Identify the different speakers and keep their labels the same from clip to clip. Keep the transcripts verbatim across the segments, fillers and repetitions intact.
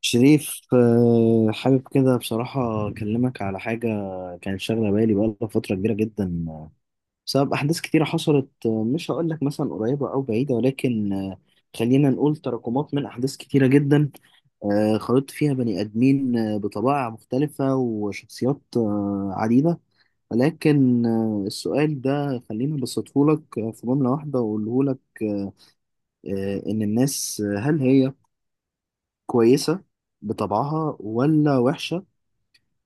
Speaker 1: شريف، آه، حابب كده بصراحة أكلمك على حاجة كانت شاغلة بالي بقالها فترة كبيرة جدا بسبب أحداث كتيرة حصلت، آه، مش هقول لك مثلا قريبة أو بعيدة، ولكن آه، خلينا نقول تراكمات من أحداث كتيرة جدا، آه، خلطت فيها بني آدمين آه، بطبائع مختلفة وشخصيات آه، عديدة. ولكن آه، السؤال ده خليني أبسطه لك آه، في جملة واحدة وأقوله لك، آه، آه، إن الناس، آه، هل هي كويسة بطبعها ولا وحشة؟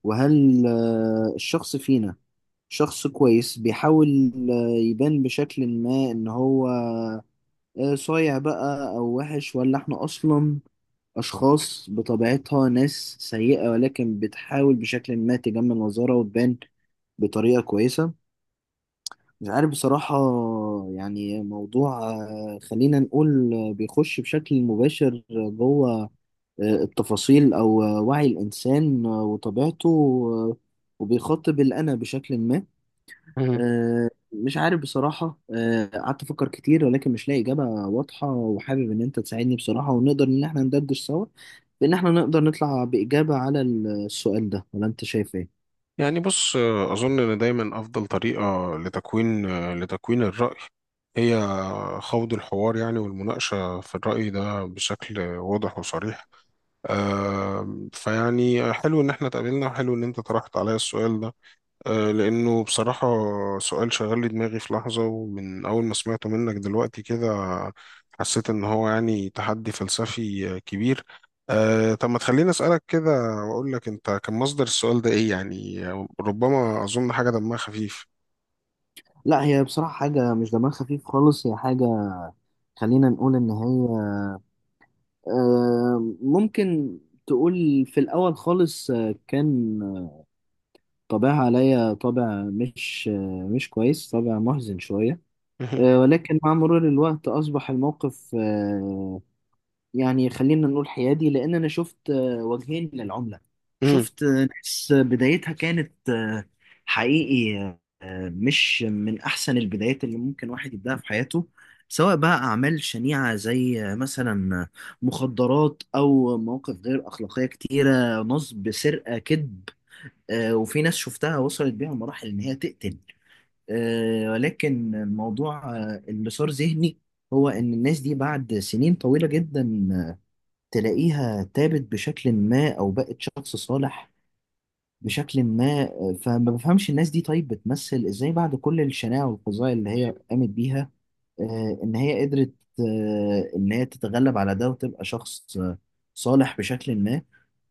Speaker 1: وهل آه، الشخص فينا شخص كويس بيحاول آه، يبان بشكل ما ان هو آه، صايع بقى او وحش، ولا احنا اصلا اشخاص بطبيعتها ناس سيئة ولكن بتحاول بشكل ما تجمل مظهرها وتبان بطريقة كويسة؟ مش عارف بصراحة. يعني موضوع آه، خلينا نقول آه، بيخش بشكل مباشر جوه آه، التفاصيل أو وعي الإنسان وطبيعته، وبيخاطب الأنا بشكل ما.
Speaker 2: مهم.
Speaker 1: آه، مش عارف بصراحة، آه، قعدت أفكر كتير ولكن مش لاقي إجابة واضحة، وحابب إن أنت تساعدني بصراحة ونقدر إن إحنا ندردش سوا، بإن إحنا نقدر نطلع بإجابة على السؤال ده. ولا أنت شايف إيه؟
Speaker 2: يعني بص آه، أظن إن دايما أفضل طريقة لتكوين آه، لتكوين الرأي هي خوض الحوار يعني والمناقشة في الرأي ده بشكل واضح وصريح. آم، فيعني حلو إن احنا اتقابلنا وحلو إن أنت طرحت عليا السؤال ده آه، لأنه بصراحة سؤال شغل لي دماغي في لحظة، ومن أول ما سمعته منك دلوقتي كده حسيت إن هو يعني تحدي فلسفي آه، كبير. أه، طب ما تخليني أسألك كده وأقول لك أنت كان مصدر السؤال ده إيه يعني؟ ربما أظن حاجة دمها خفيف.
Speaker 1: لا، هي بصراحة حاجة مش دماغ خفيف خالص. هي حاجة خلينا نقول إن هي آه، ممكن تقول في الأول خالص آه، كان طابعها عليا طابع مش مش كويس، طابع محزن شوية. آه، ولكن مع مرور الوقت أصبح الموقف آه، يعني خلينا نقول حيادي، لأن أنا شفت آه، وجهين للعملة. شفت آه، ناس بدايتها كانت آه، حقيقي آه، مش من أحسن البدايات اللي ممكن واحد يبدأها في حياته، سواء بقى أعمال شنيعة زي آه، مثلا مخدرات أو مواقف غير أخلاقية كتيرة، نصب، سرقة، كذب. آه، وفي ناس شفتها وصلت بيها مراحل إن هي تقتل. آه، ولكن الموضوع آه، اللي صار ذهني هو إن الناس دي بعد سنين طويلة جدا آه، تلاقيها تابت بشكل ما أو بقت شخص صالح بشكل ما. آه، فما بفهمش الناس دي طيب بتمثل إزاي بعد كل الشناعة والقضايا اللي هي قامت بيها، آه، ان هي قدرت آه، ان هي تتغلب على ده وتبقى شخص آه، صالح بشكل ما.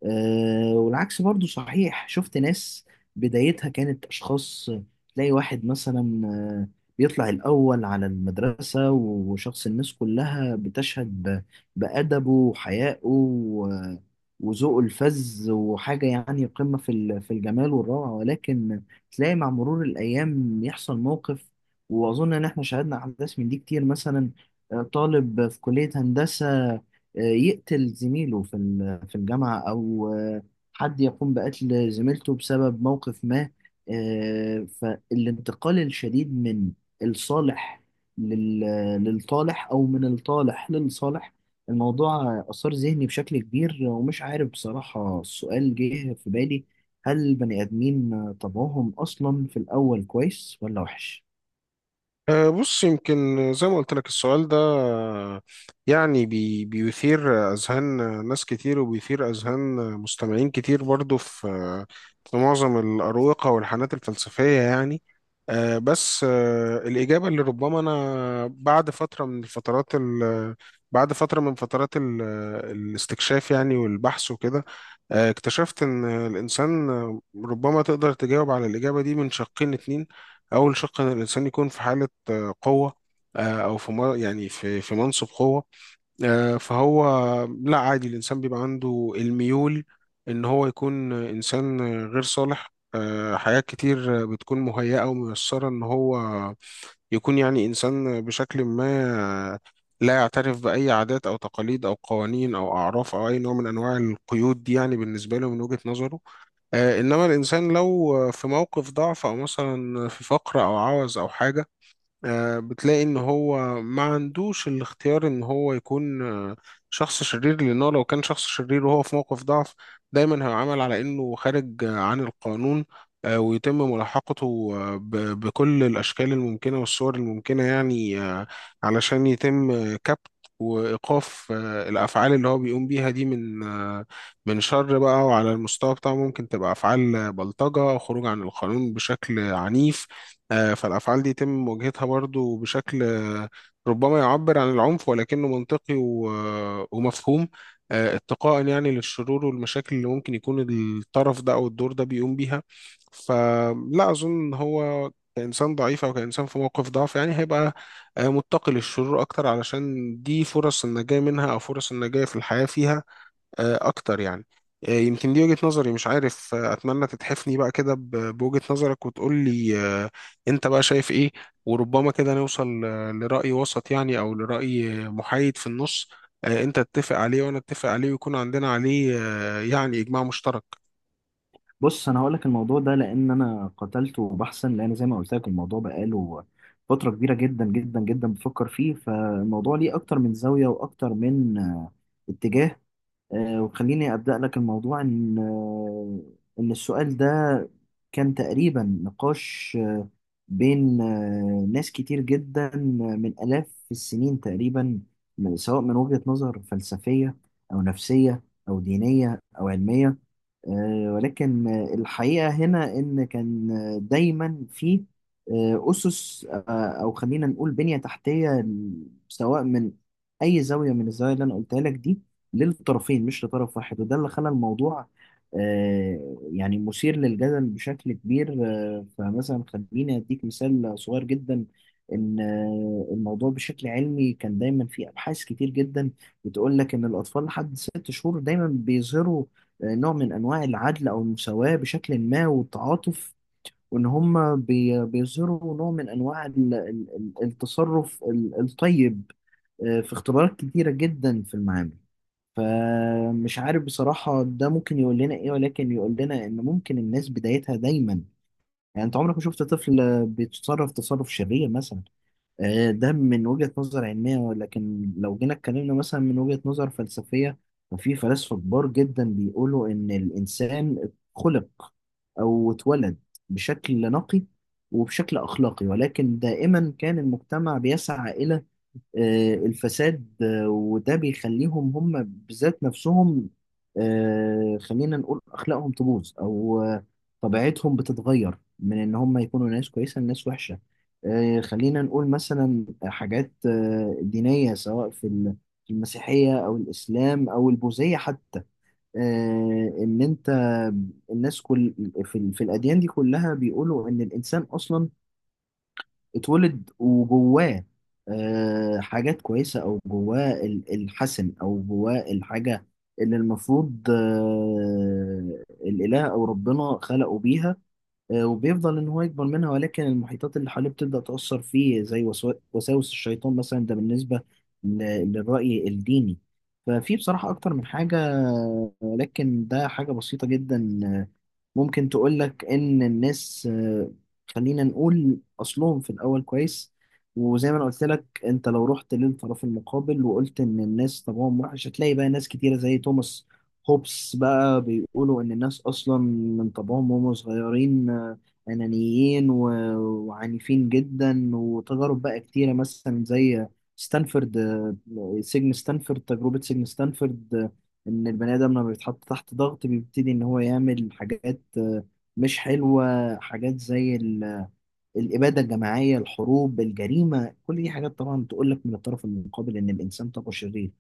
Speaker 1: آه، والعكس برضو صحيح، شفت ناس بدايتها كانت اشخاص تلاقي واحد مثلا آه، بيطلع الاول على المدرسة، وشخص الناس كلها بتشهد ب- بأدبه وحيائه و- وذوقه الفذ، وحاجة يعني قمة في ال- في الجمال والروعة. ولكن تلاقي مع مرور الأيام يحصل موقف. واظن ان احنا شاهدنا احداث من دي كتير، مثلا آه، طالب في كليه هندسه آه، يقتل زميله في ال- في الجامعه، او آه، حد يقوم بقتل زميلته بسبب موقف ما. آه، فالانتقال الشديد من الصالح لل- للطالح، او من الطالح للصالح، الموضوع اثار ذهني بشكل كبير. ومش عارف بصراحه، السؤال جه في بالي: هل البني ادمين طبعهم اصلا في الاول كويس ولا وحش؟
Speaker 2: أه، بص، يمكن زي ما قلت لك السؤال ده أه، يعني بي بيثير أذهان ناس كتير، وبيثير أذهان مستمعين كتير برضو في في معظم الأروقة والحانات الفلسفية يعني. أه، بس أه، الإجابة اللي ربما أنا بعد فترة من الفترات ال- بعد فترة من فترات ال- الاستكشاف يعني والبحث وكده آه، اكتشفت إن الإنسان ربما تقدر تجاوب على الإجابة دي من شقين اتنين. أول شق إن الإنسان يكون في حالة آه، قوة آه، أو في مر- يعني في في منصب قوة. آه، فهو لا، عادي الإنسان بيبقى عنده الميول إن هو يكون إنسان غير صالح. آه، حاجات كتير بتكون مهيئة وميسرة إن هو يكون يعني إنسان بشكل ما لا يعترف بأي عادات أو تقاليد أو قوانين أو أعراف أو أي نوع من أنواع القيود دي، يعني بالنسبة له من وجهة نظره. آه، انما الانسان لو آه، في موقف ضعف، او مثلا في فقر او عوز او حاجه، آه، بتلاقي ان هو ما عندوش الاختيار ان هو يكون آه، شخص شرير، لانه لو كان شخص شرير وهو في موقف ضعف دايما هيعامل على انه خارج آه، عن القانون، آه، ويتم ملاحقته آه، ب- بكل الاشكال الممكنه والصور الممكنه يعني، آه، علشان يتم آه، كبت وإيقاف آه، الأفعال اللي هو بيقوم بيها دي من آه، من شر بقى. وعلى المستوى بتاعه ممكن تبقى أفعال بلطجة، خروج عن القانون بشكل عنيف. آه، فالأفعال دي يتم مواجهتها برضو بشكل آه، ربما يعبر عن العنف ولكنه منطقي و- آه، ومفهوم، آه، اتقاء يعني للشرور والمشاكل اللي ممكن يكون الطرف ده أو الدور ده بيقوم بيها. فلا أظن إن هو كإنسان ضعيف أو كإنسان في موقف ضعف يعني هيبقى آه، متقي للشرور أكتر، علشان دي فرص النجاة منها أو فرص النجاة في الحياة فيها آه، اكتر يعني. آه، يمكن دي وجهة نظري، مش عارف. آه، اتمنى تتحفني بقى كده ب- بوجهة نظرك وتقول لي آه، انت بقى شايف ايه، وربما كده نوصل آه، لرأي وسط يعني، او لرأي آه، محايد في النص آه، انت تتفق عليه وانا اتفق عليه ويكون عندنا عليه آه، يعني اجماع مشترك.
Speaker 1: بص انا هقول لك الموضوع ده، لان انا قتلته بحثا. لان زي ما قلت لك الموضوع بقاله فتره كبيره جدا جدا جدا بفكر فيه. فالموضوع ليه اكتر من زاويه واكتر من آه، اتجاه. آه، وخليني ابدا لك الموضوع ان آه، ان السؤال ده كان تقريبا نقاش آه، بين آه، ناس كتير جدا آه، من الاف السنين تقريبا، من- سواء من وجهه نظر فلسفيه، او نفسيه، او دينيه، او علميه. آه، ولكن آه، الحقيقة هنا إن كان آه، دايما في آه، أسس آه، أو خلينا نقول بنية تحتية ل- سواء من أي زاوية من الزوايا اللي أنا قلتها لك دي، للطرفين مش لطرف واحد. وده اللي خلى الموضوع آه، يعني مثير للجدل بشكل كبير. آه، فمثلا خليني أديك مثال صغير جدا، إن آه، الموضوع بشكل علمي كان دايما في أبحاث كتير جدا بتقول لك إن الأطفال لحد ست شهور دايما بيظهروا نوع من انواع العدل او المساواه بشكل ما والتعاطف، وان هم بي- بيظهروا نوع من انواع ال- ال- ال- التصرف ال- الطيب آه، في اختبارات كتيره جدا في المعامل. فمش عارف بصراحه ده ممكن يقول لنا ايه، ولكن يقول لنا ان ممكن الناس بدايتها دايما، يعني انت عمرك ما شفت طفل بيتصرف تصرف شرير مثلا. آه، ده من وجهة نظر علمية. ولكن لو جينا اتكلمنا مثلا من وجهة نظر فلسفية، ففي فلاسفة كبار جدا بيقولوا إن الإنسان خلق أو اتولد بشكل نقي وبشكل أخلاقي، ولكن دائما كان المجتمع بيسعى إلى آه، الفساد، آه، وده بيخليهم هم بذات نفسهم آه، خلينا نقول أخلاقهم تبوظ، أو آه، طبيعتهم بتتغير من إن هم يكونوا ناس كويسة لناس وحشة. آه، خلينا نقول مثلا حاجات آه، دينية، سواء في ال- في المسيحية أو الإسلام أو البوذية حتى، آه، إن أنت الناس كل في, ال- في الأديان دي كلها بيقولوا إن الإنسان أصلا اتولد وجواه آه، حاجات كويسة، أو جواه ال- الحسن، أو جواه الحاجة اللي المفروض آه، الإله أو ربنا خلقه بيها. آه، وبيفضل إن هو يكبر منها، ولكن المحيطات اللي حواليه بتبدأ تأثر فيه زي وسو- وساوس الشيطان مثلا. ده بالنسبة ل- للرأي الديني. ففي بصراحة أكتر من حاجة، آه، ولكن ده حاجة بسيطة جدا ممكن تقولك إن الناس آه، خلينا نقول أصلهم في الأول كويس. وزي ما أنا قلت لك، أنت لو رحت للطرف المقابل وقلت إن الناس طبعهم وحش، هتلاقي بقى ناس كتيرة زي توماس هوبس بقى بيقولوا إن الناس أصلا من طبعهم وهم صغيرين آه، أنانيين و- وعنيفين جدا. وتجارب بقى كتيرة مثلا زي ستانفورد، آه، سجن ستانفورد، تجربة سجن ستانفورد، ان البني ادم لما بيتحط تحت ضغط بيبتدي ان هو يعمل حاجات آه، مش حلوه، حاجات زي ال- الاباده الجماعيه، الحروب، الجريمه. كل دي حاجات طبعا تقول لك من الطرف المقابل ان الانسان طاقه شرير.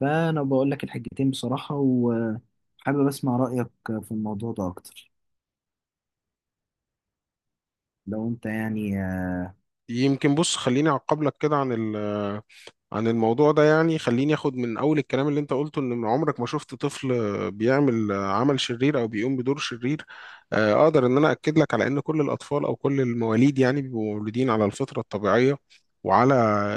Speaker 1: فانا بقول لك الحاجتين بصراحه، وحابب اسمع رايك في الموضوع ده اكتر لو انت يعني.
Speaker 2: يمكن بص، خليني اعقب لك كده عن عن الموضوع ده. يعني خليني اخد من اول الكلام اللي انت قلته ان عمرك ما شفت طفل بيعمل عمل شرير او بيقوم بدور شرير. آه، اقدر ان انا اكد لك على ان كل الاطفال او كل المواليد يعني بيبقوا مولودين على الفطرة الطبيعية وعلى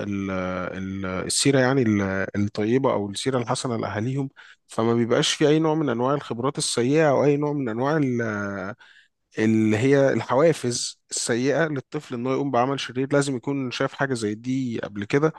Speaker 2: ال- ال- السيرة يعني ال- الطيبة او السيرة الحسنة لاهاليهم. فما بيبقاش في اي نوع من انواع الخبرات السيئة او اي نوع من انواع ال- اللي هي الحوافز السيئة للطفل. انه يقوم بعمل شرير لازم يكون شاف حاجة زي دي قبل كده.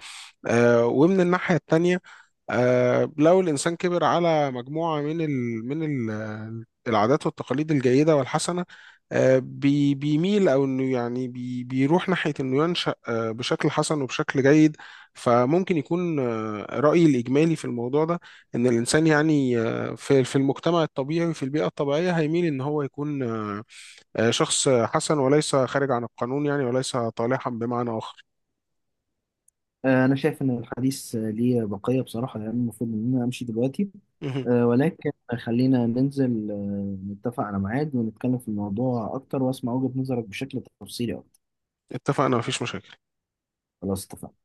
Speaker 2: آه، ومن الناحية التانية، آه، لو الإنسان كبر على مجموعة من ال من ال العادات والتقاليد الجيدة والحسنة، آه، بي- بيميل أو إنه يعني بي- بيروح ناحية إنه ينشأ آه، بشكل حسن وبشكل جيد. فممكن يكون آه، رأيي الإجمالي في الموضوع ده إن الإنسان يعني آه، في في المجتمع الطبيعي وفي البيئة الطبيعية هيميل إن هو يكون آه، آه، شخص حسن وليس خارج عن القانون، يعني وليس طالحا بمعنى آخر.
Speaker 1: آه، أنا شايف إن الحديث آه، ليه بقية بصراحة، يعني المفروض إن أنا أمشي دلوقتي،
Speaker 2: مهم.
Speaker 1: آه، ولكن خلينا ننزل آه، نتفق على ميعاد ونتكلم في الموضوع أكتر وأسمع وجهة نظرك بشكل تفصيلي أكتر.
Speaker 2: اتفقنا، مفيش مشاكل.
Speaker 1: خلاص اتفقنا.